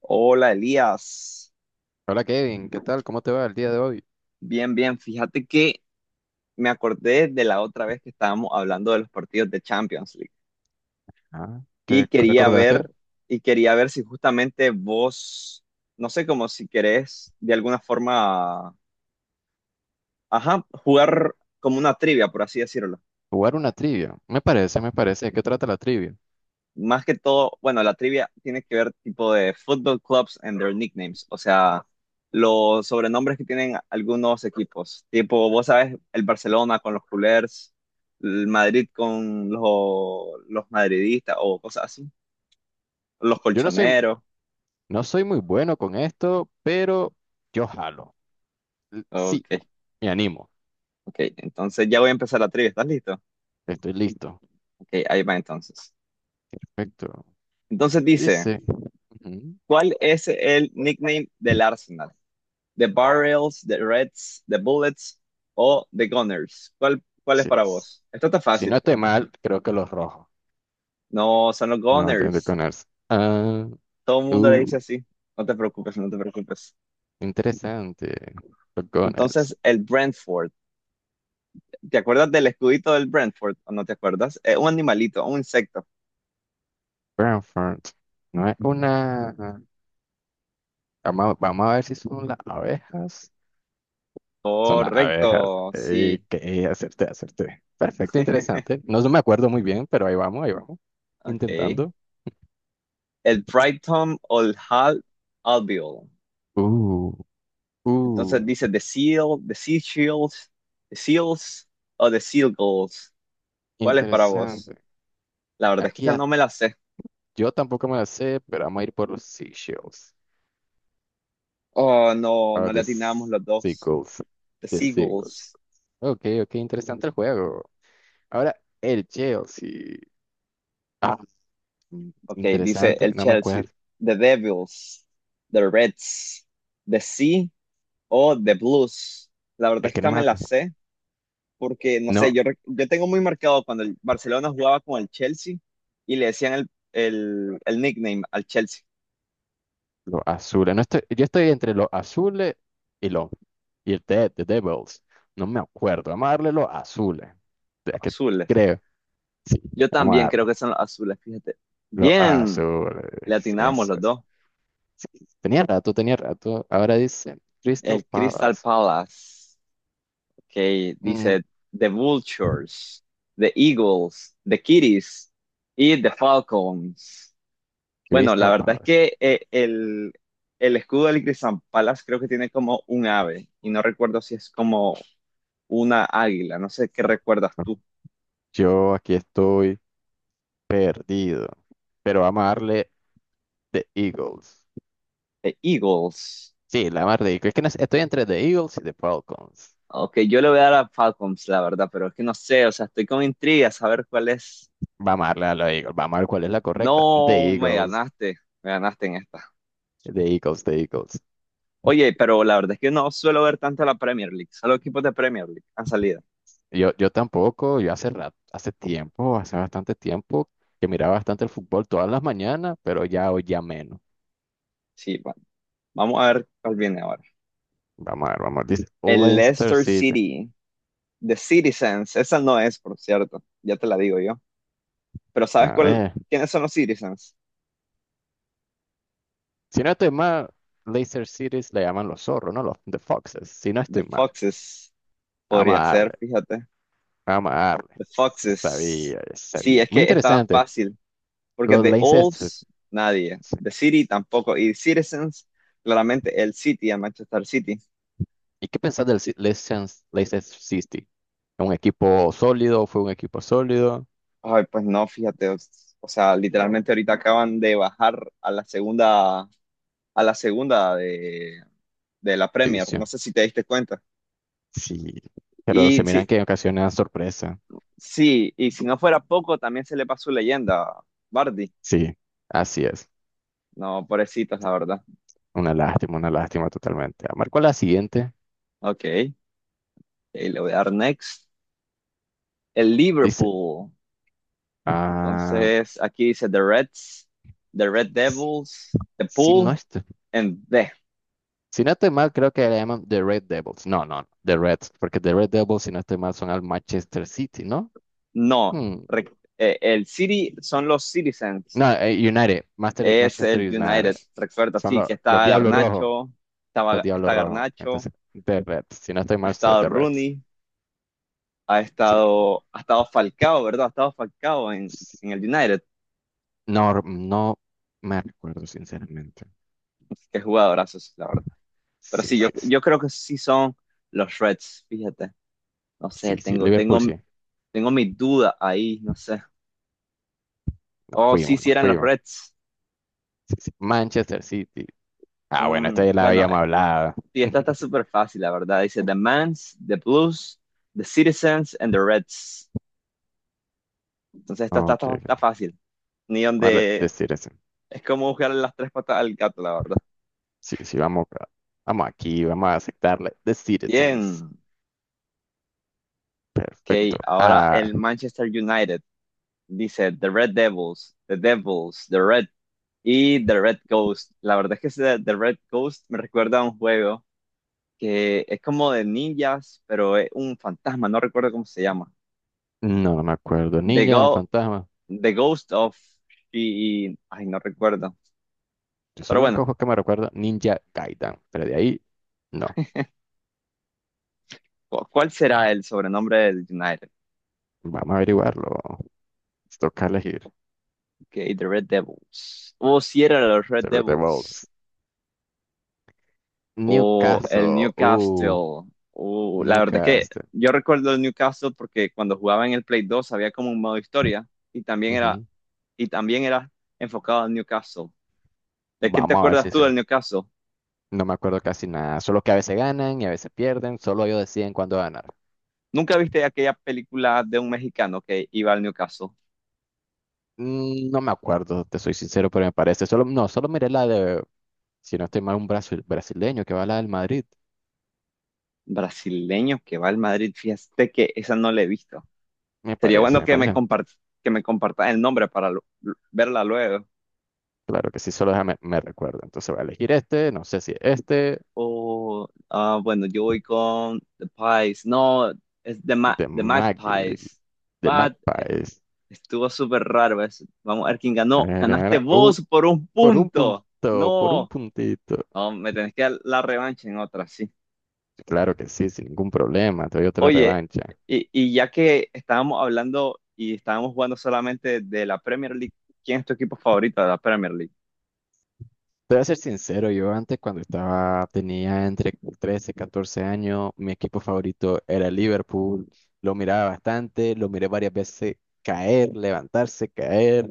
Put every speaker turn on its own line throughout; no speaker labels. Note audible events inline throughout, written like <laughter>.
Hola Elías,
Hola Kevin, ¿qué tal? ¿Cómo te va el día de hoy?
bien, bien, fíjate que me acordé de la otra vez que estábamos hablando de los partidos de Champions League
Ah, ¿qué
y quería
recordaste?
ver, y quería ver si justamente vos, no sé, como si querés de alguna forma, ajá, jugar como una trivia, por así decirlo.
Jugar una trivia. Me parece, me parece. ¿De qué trata la trivia?
Más que todo, bueno, la trivia tiene que ver tipo de football clubs and their nicknames, o sea, los sobrenombres que tienen algunos equipos, tipo, vos sabes, el Barcelona con los culers, el Madrid con los madridistas o cosas así, los
Yo no soy,
colchoneros,
no soy muy bueno con esto, pero yo jalo. Sí,
ok,
me animo.
ok, entonces ya voy a empezar la trivia, ¿estás listo?
Estoy listo.
Ok, ahí va entonces.
Perfecto.
Entonces dice,
Dice. Ujú,
¿cuál es el nickname del Arsenal? ¿The Barrels, The Reds, The Bullets o The Gunners? ¿Cuál es
sí
para
es.
vos? Esto está
Si no
fácil.
estoy mal, creo que los rojos.
No, son los
No, entonces
Gunners.
con Gunners. Ah,
Todo el mundo le dice
uh,
así. No te preocupes, no te preocupes.
interesante. Los Gunners.
Entonces, el Brentford. ¿Te acuerdas del escudito del Brentford o no te acuerdas? Es un animalito, un insecto.
Brantford. No es una. Vamos a ver si son las abejas. Son las abejas.
Correcto, sí.
Ey, acerté, acerté. Perfecto,
<laughs>
interesante. No me acuerdo muy bien, pero ahí vamos, ahí vamos.
Ok.
Intentando.
El Brighton o el Hal Albion.
Uh,
Entonces
uh,
dice ¿The Seal, The Sea Shields, The Seals o The Seagulls? ¿Cuál es para vos?
interesante.
La verdad es que
Aquí
esta no me
hasta-
la sé.
yo tampoco me la sé, pero vamos a ir por los seashells.
Oh, no,
O
no le
the
atinamos
s-
los dos.
seagulls.
The
The seagulls.
Seagulls.
Ok, ok, interesante el juego. Ahora, el Chelsea. Ah, mm,
Ok, dice
interesante,
el
no me
Chelsea.
acuerdo.
The Devils. The Reds. The Sea o The Blues. La verdad es
Es
que
que
esta
no me
me la
acuerdo.
sé porque, no sé,
No,
yo, yo tengo muy marcado cuando el Barcelona jugaba con el Chelsea y le decían el nickname al Chelsea,
los azules. No estoy, yo estoy entre los azules y los y el de The Devils. No me acuerdo. Vamos a darle los azules.
los
Es que
azules.
creo. Sí,
Yo
vamos a
también creo
darle.
que son los azules, fíjate.
Los
Bien, le
azules.
atinamos
Eso
los
es.
dos.
Sí, tenía rato, tenía rato. Ahora dice Crystal
El Crystal
Palace.
Palace. Que
Mm,
dice The Vultures, The Eagles, The Kitties y The Falcons. Bueno, la
Crystal
verdad es
Palace.
que el escudo del Crystal Palace creo que tiene como un ave y no recuerdo si es como una águila, no sé qué recuerdas tú.
Yo aquí estoy perdido. Pero vamos a darle The Eagles.
The Eagles.
Sí, la más ridícula. Es que no sé, estoy entre The Eagles y The Falcons.
Ok, yo le voy a dar a Falcons, la verdad, pero es que no sé, o sea, estoy con intriga a saber cuál es.
Vamos a darle a los Eagles, vamos a ver cuál es la correcta.
No,
The Eagles,
me ganaste en esta.
The Eagles, The Eagles.
Oye, pero la verdad es que no suelo ver tanto la Premier League, solo equipos de Premier League han salido.
Yo tampoco, yo hace rato, hace tiempo, hace bastante tiempo que miraba bastante el fútbol todas las mañanas, pero ya hoy ya menos.
Sí, bueno, vamos a ver cuál viene ahora.
Vamos a ver, vamos a ver. Dice
El
Leicester
Leicester
City.
City, The Citizens, esa no es, por cierto, ya te la digo yo. Pero ¿sabes
A
cuál?
ver,
¿Quiénes son los Citizens?
si no estoy mal, Leicester City le llaman los zorros, ¿no? Los The Foxes, si no
The
estoy mal.
Foxes,
Vamos a
podría
darle,
ser, fíjate.
vamos a darle.
The Foxes.
Sabía,
Sí,
sabía.
es
Muy
que estaba
interesante.
fácil, porque
Los
The
Leicester.
Olds, nadie. The City tampoco. Y Citizens, claramente el City, el Manchester City.
¿Y qué pensás del Leicester City? ¿Un equipo sólido? ¿Fue un equipo sólido?
Ay, pues no, fíjate, o sea, literalmente ahorita acaban de bajar a la segunda de la Premier, no
División.
sé si te diste cuenta.
Sí. Pero se
Y sí,
miran que en ocasiones dan sorpresa.
sí, y si no fuera poco, también se le pasó leyenda, Bardi.
Sí, así es.
No, pobrecitos, la verdad.
Una lástima totalmente. Marco la siguiente.
Ok, y le voy a dar next. El
Dice,
Liverpool.
ah,
Entonces, aquí dice The Reds, The Red
s-
Devils, The
si
Pool,
no estoy,
and The.
si no estoy mal, creo que le llaman The Red Devils. No, no, The Reds, porque The Red Devils, si no estoy mal, son al Manchester City, ¿no?
No,
Hmm.
re- el City son los Citizens.
No, United,
Es
Manchester
el United,
United.
recuerdo,
Son
sí,
los,
que
los
está
Diablos Rojos.
Garnacho,
Los
estaba,
Diablos
está
Rojos.
Garnacho,
Entonces, The Reds. Si no estoy
ha
mal, soy
estado
The Reds.
Rooney,
Sí,
ha estado Falcao, ¿verdad? Ha estado Falcao
sí.
en el United,
No, no me recuerdo, sinceramente.
que jugadorazos, la verdad. Pero
Sí,
sí,
sí, sí.
yo creo que sí son los Reds, fíjate. No sé,
Sí, sí. Liverpool, sí.
tengo mi duda ahí, no sé.
Nos
Oh, sí,
fuimos,
sí
nos
eran los
fuimos.
Reds.
Sí, sí. Manchester City. Ah, bueno, esta ya la
Bueno,
habíamos hablado.
y esta está
<laughs>
súper fácil, la verdad. Dice The Mans, The Blues, The Citizens and The Reds. Entonces, esta
Ok,
está
ok.
fácil. Ni
Vamos a The
donde,
Citizens.
es como buscarle las tres patas al gato, la verdad.
Sí, sí, vamos, acá. Vamos aquí, vamos a aceptarle. The Citizens.
Bien,
Perfecto.
ok, ahora
Ah,
el Manchester United dice The Red Devils, The Devils, The Red y The Red Ghost. La verdad es que ese The Red Ghost me recuerda a un juego que es como de ninjas, pero es un fantasma, no recuerdo cómo se llama.
no, no me acuerdo.
The,
Ninja, un
Go
fantasma.
The Ghost of y ay, no recuerdo.
Yo soy
Pero
el
bueno,
único juego que me recuerdo, Ninja Gaiden. Pero de ahí, no.
¿cuál será el sobrenombre del United?
Vamos a averiguarlo. Nos toca elegir.
Ok, The Red Devils. O si era los Red
Sobre The
Devils.
Bolts.
O el
Newcastle.
Newcastle. O la verdad es que
Newcastle.
yo recuerdo el Newcastle porque cuando jugaba en el Play 2 había como un modo historia y también era,
Ujú.
y también era enfocado al Newcastle. ¿De qué te
Vamos a ver
acuerdas
si
tú
sé.
del Newcastle?
No me acuerdo casi nada. Solo que a veces ganan y a veces pierden. Solo ellos deciden cuándo ganar.
¿Nunca viste aquella película de un mexicano que iba al Newcastle?
No me acuerdo, te soy sincero, pero me parece. Solo, no, solo miré la de, si no estoy mal, un brasileño que va a la del Madrid.
Brasileño que va al Madrid, fíjate que esa no la he visto.
Me
Sería
parece,
bueno
me
que me
parece.
que me compartas el nombre para verla luego.
Claro que sí, solo déjame, me recuerdo. Entonces voy a elegir este. No sé si este.
O, ah, bueno, yo voy con The Pies. No, es
De
The
Mag.
Magpies.
De
What?
Magpies.
Estuvo súper raro eso. Vamos a ver quién ganó. Ganaste
Uh,
vos por un
Por un
punto.
punto, por un
No,
puntito.
no, me tenés que dar la revancha en otra, sí.
Claro que sí, sin ningún problema, te doy otra
Oye,
revancha.
y ya que estábamos hablando y estábamos jugando solamente de la Premier League, ¿quién es tu equipo favorito de la Premier League?
Te voy a ser sincero, yo antes cuando estaba, tenía entre 13 y 14 años, mi equipo favorito era el Liverpool. Lo miraba bastante, lo miré varias veces caer, levantarse, caer.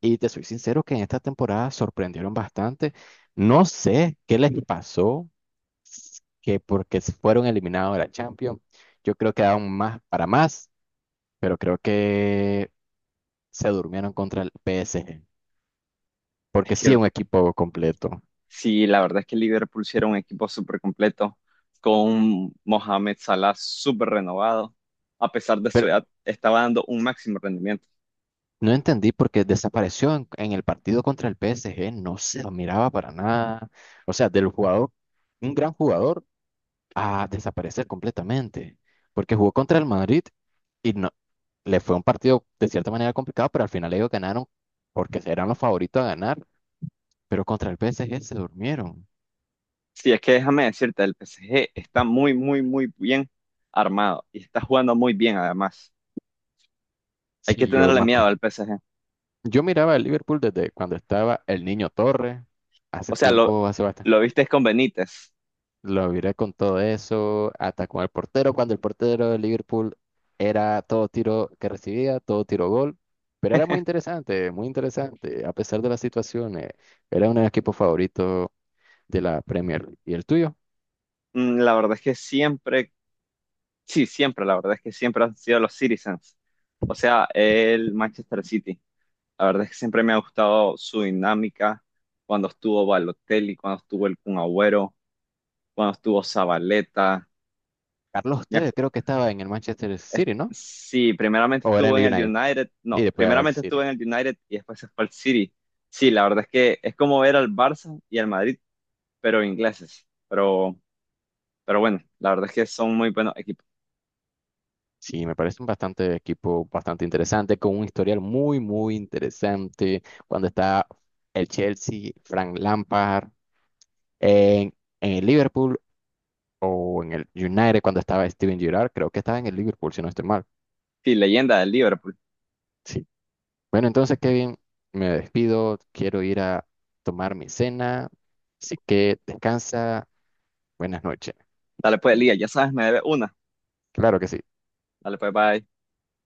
Y te soy sincero que en esta temporada sorprendieron bastante. No sé qué les pasó, que porque se fueron eliminados de la Champions. Yo creo que daban más para más, pero creo que se durmieron contra el PSG,
Es
porque sí
que
es un equipo completo.
sí, la verdad es que Liverpool sí era un equipo súper completo, con un Mohamed Salah súper renovado. A pesar de su
Pero
edad, estaba dando un máximo rendimiento.
no entendí por qué desapareció en el partido contra el PSG, no se lo miraba para nada. O sea, del jugador, un gran jugador, a desaparecer completamente, porque jugó contra el Madrid y no, le fue un partido de cierta manera complicado, pero al final ellos ganaron porque eran los favoritos a ganar, pero contra el PSG se durmieron.
Sí, es que déjame decirte, el PSG está muy, muy, muy bien armado y está jugando muy bien además. Hay que
Sí, yo
tenerle
me
miedo
acuerdo.
al PSG.
Yo miraba el Liverpool desde cuando estaba el Niño Torre, hace
O sea,
tiempo, hace bastante.
lo viste con Benítez.
Lo viré con todo eso, atacó al portero cuando el portero de Liverpool era todo tiro que recibía, todo tiro gol, pero era muy interesante, a pesar de las situaciones, era un equipo favorito de la Premier League. ¿Y el tuyo?
Mm, la verdad es que siempre, sí, siempre, la verdad es que siempre han sido los Citizens. O sea, el Manchester City. La verdad es que siempre me ha gustado su dinámica cuando estuvo Balotelli, cuando estuvo el Kun Agüero, cuando estuvo Zabaleta.
Carlos,
Me ac-
ustedes creo que estaba en el Manchester City, ¿no?
Sí, primeramente
O era
estuvo
en
en
el
el
United
United,
y
no,
después al
primeramente estuvo
City.
en el United y después se fue al City. Sí, la verdad es que es como ver al Barça y al Madrid, pero ingleses. Pero bueno, la verdad es que son muy buenos equipos.
Sí, me parece un bastante equipo bastante interesante, con un historial muy, muy interesante. Cuando está el Chelsea, Frank Lampard. en, en el Liverpool o en el United cuando estaba Steven Gerrard. Creo que estaba en el Liverpool, si no estoy mal.
Sí, leyenda del Liverpool.
Sí. Bueno, entonces, Kevin, me despido. Quiero ir a tomar mi cena. Así que descansa. Buenas noches.
Dale pues, Lía, ya sabes, me debe una.
Claro que sí.
Dale pues, bye.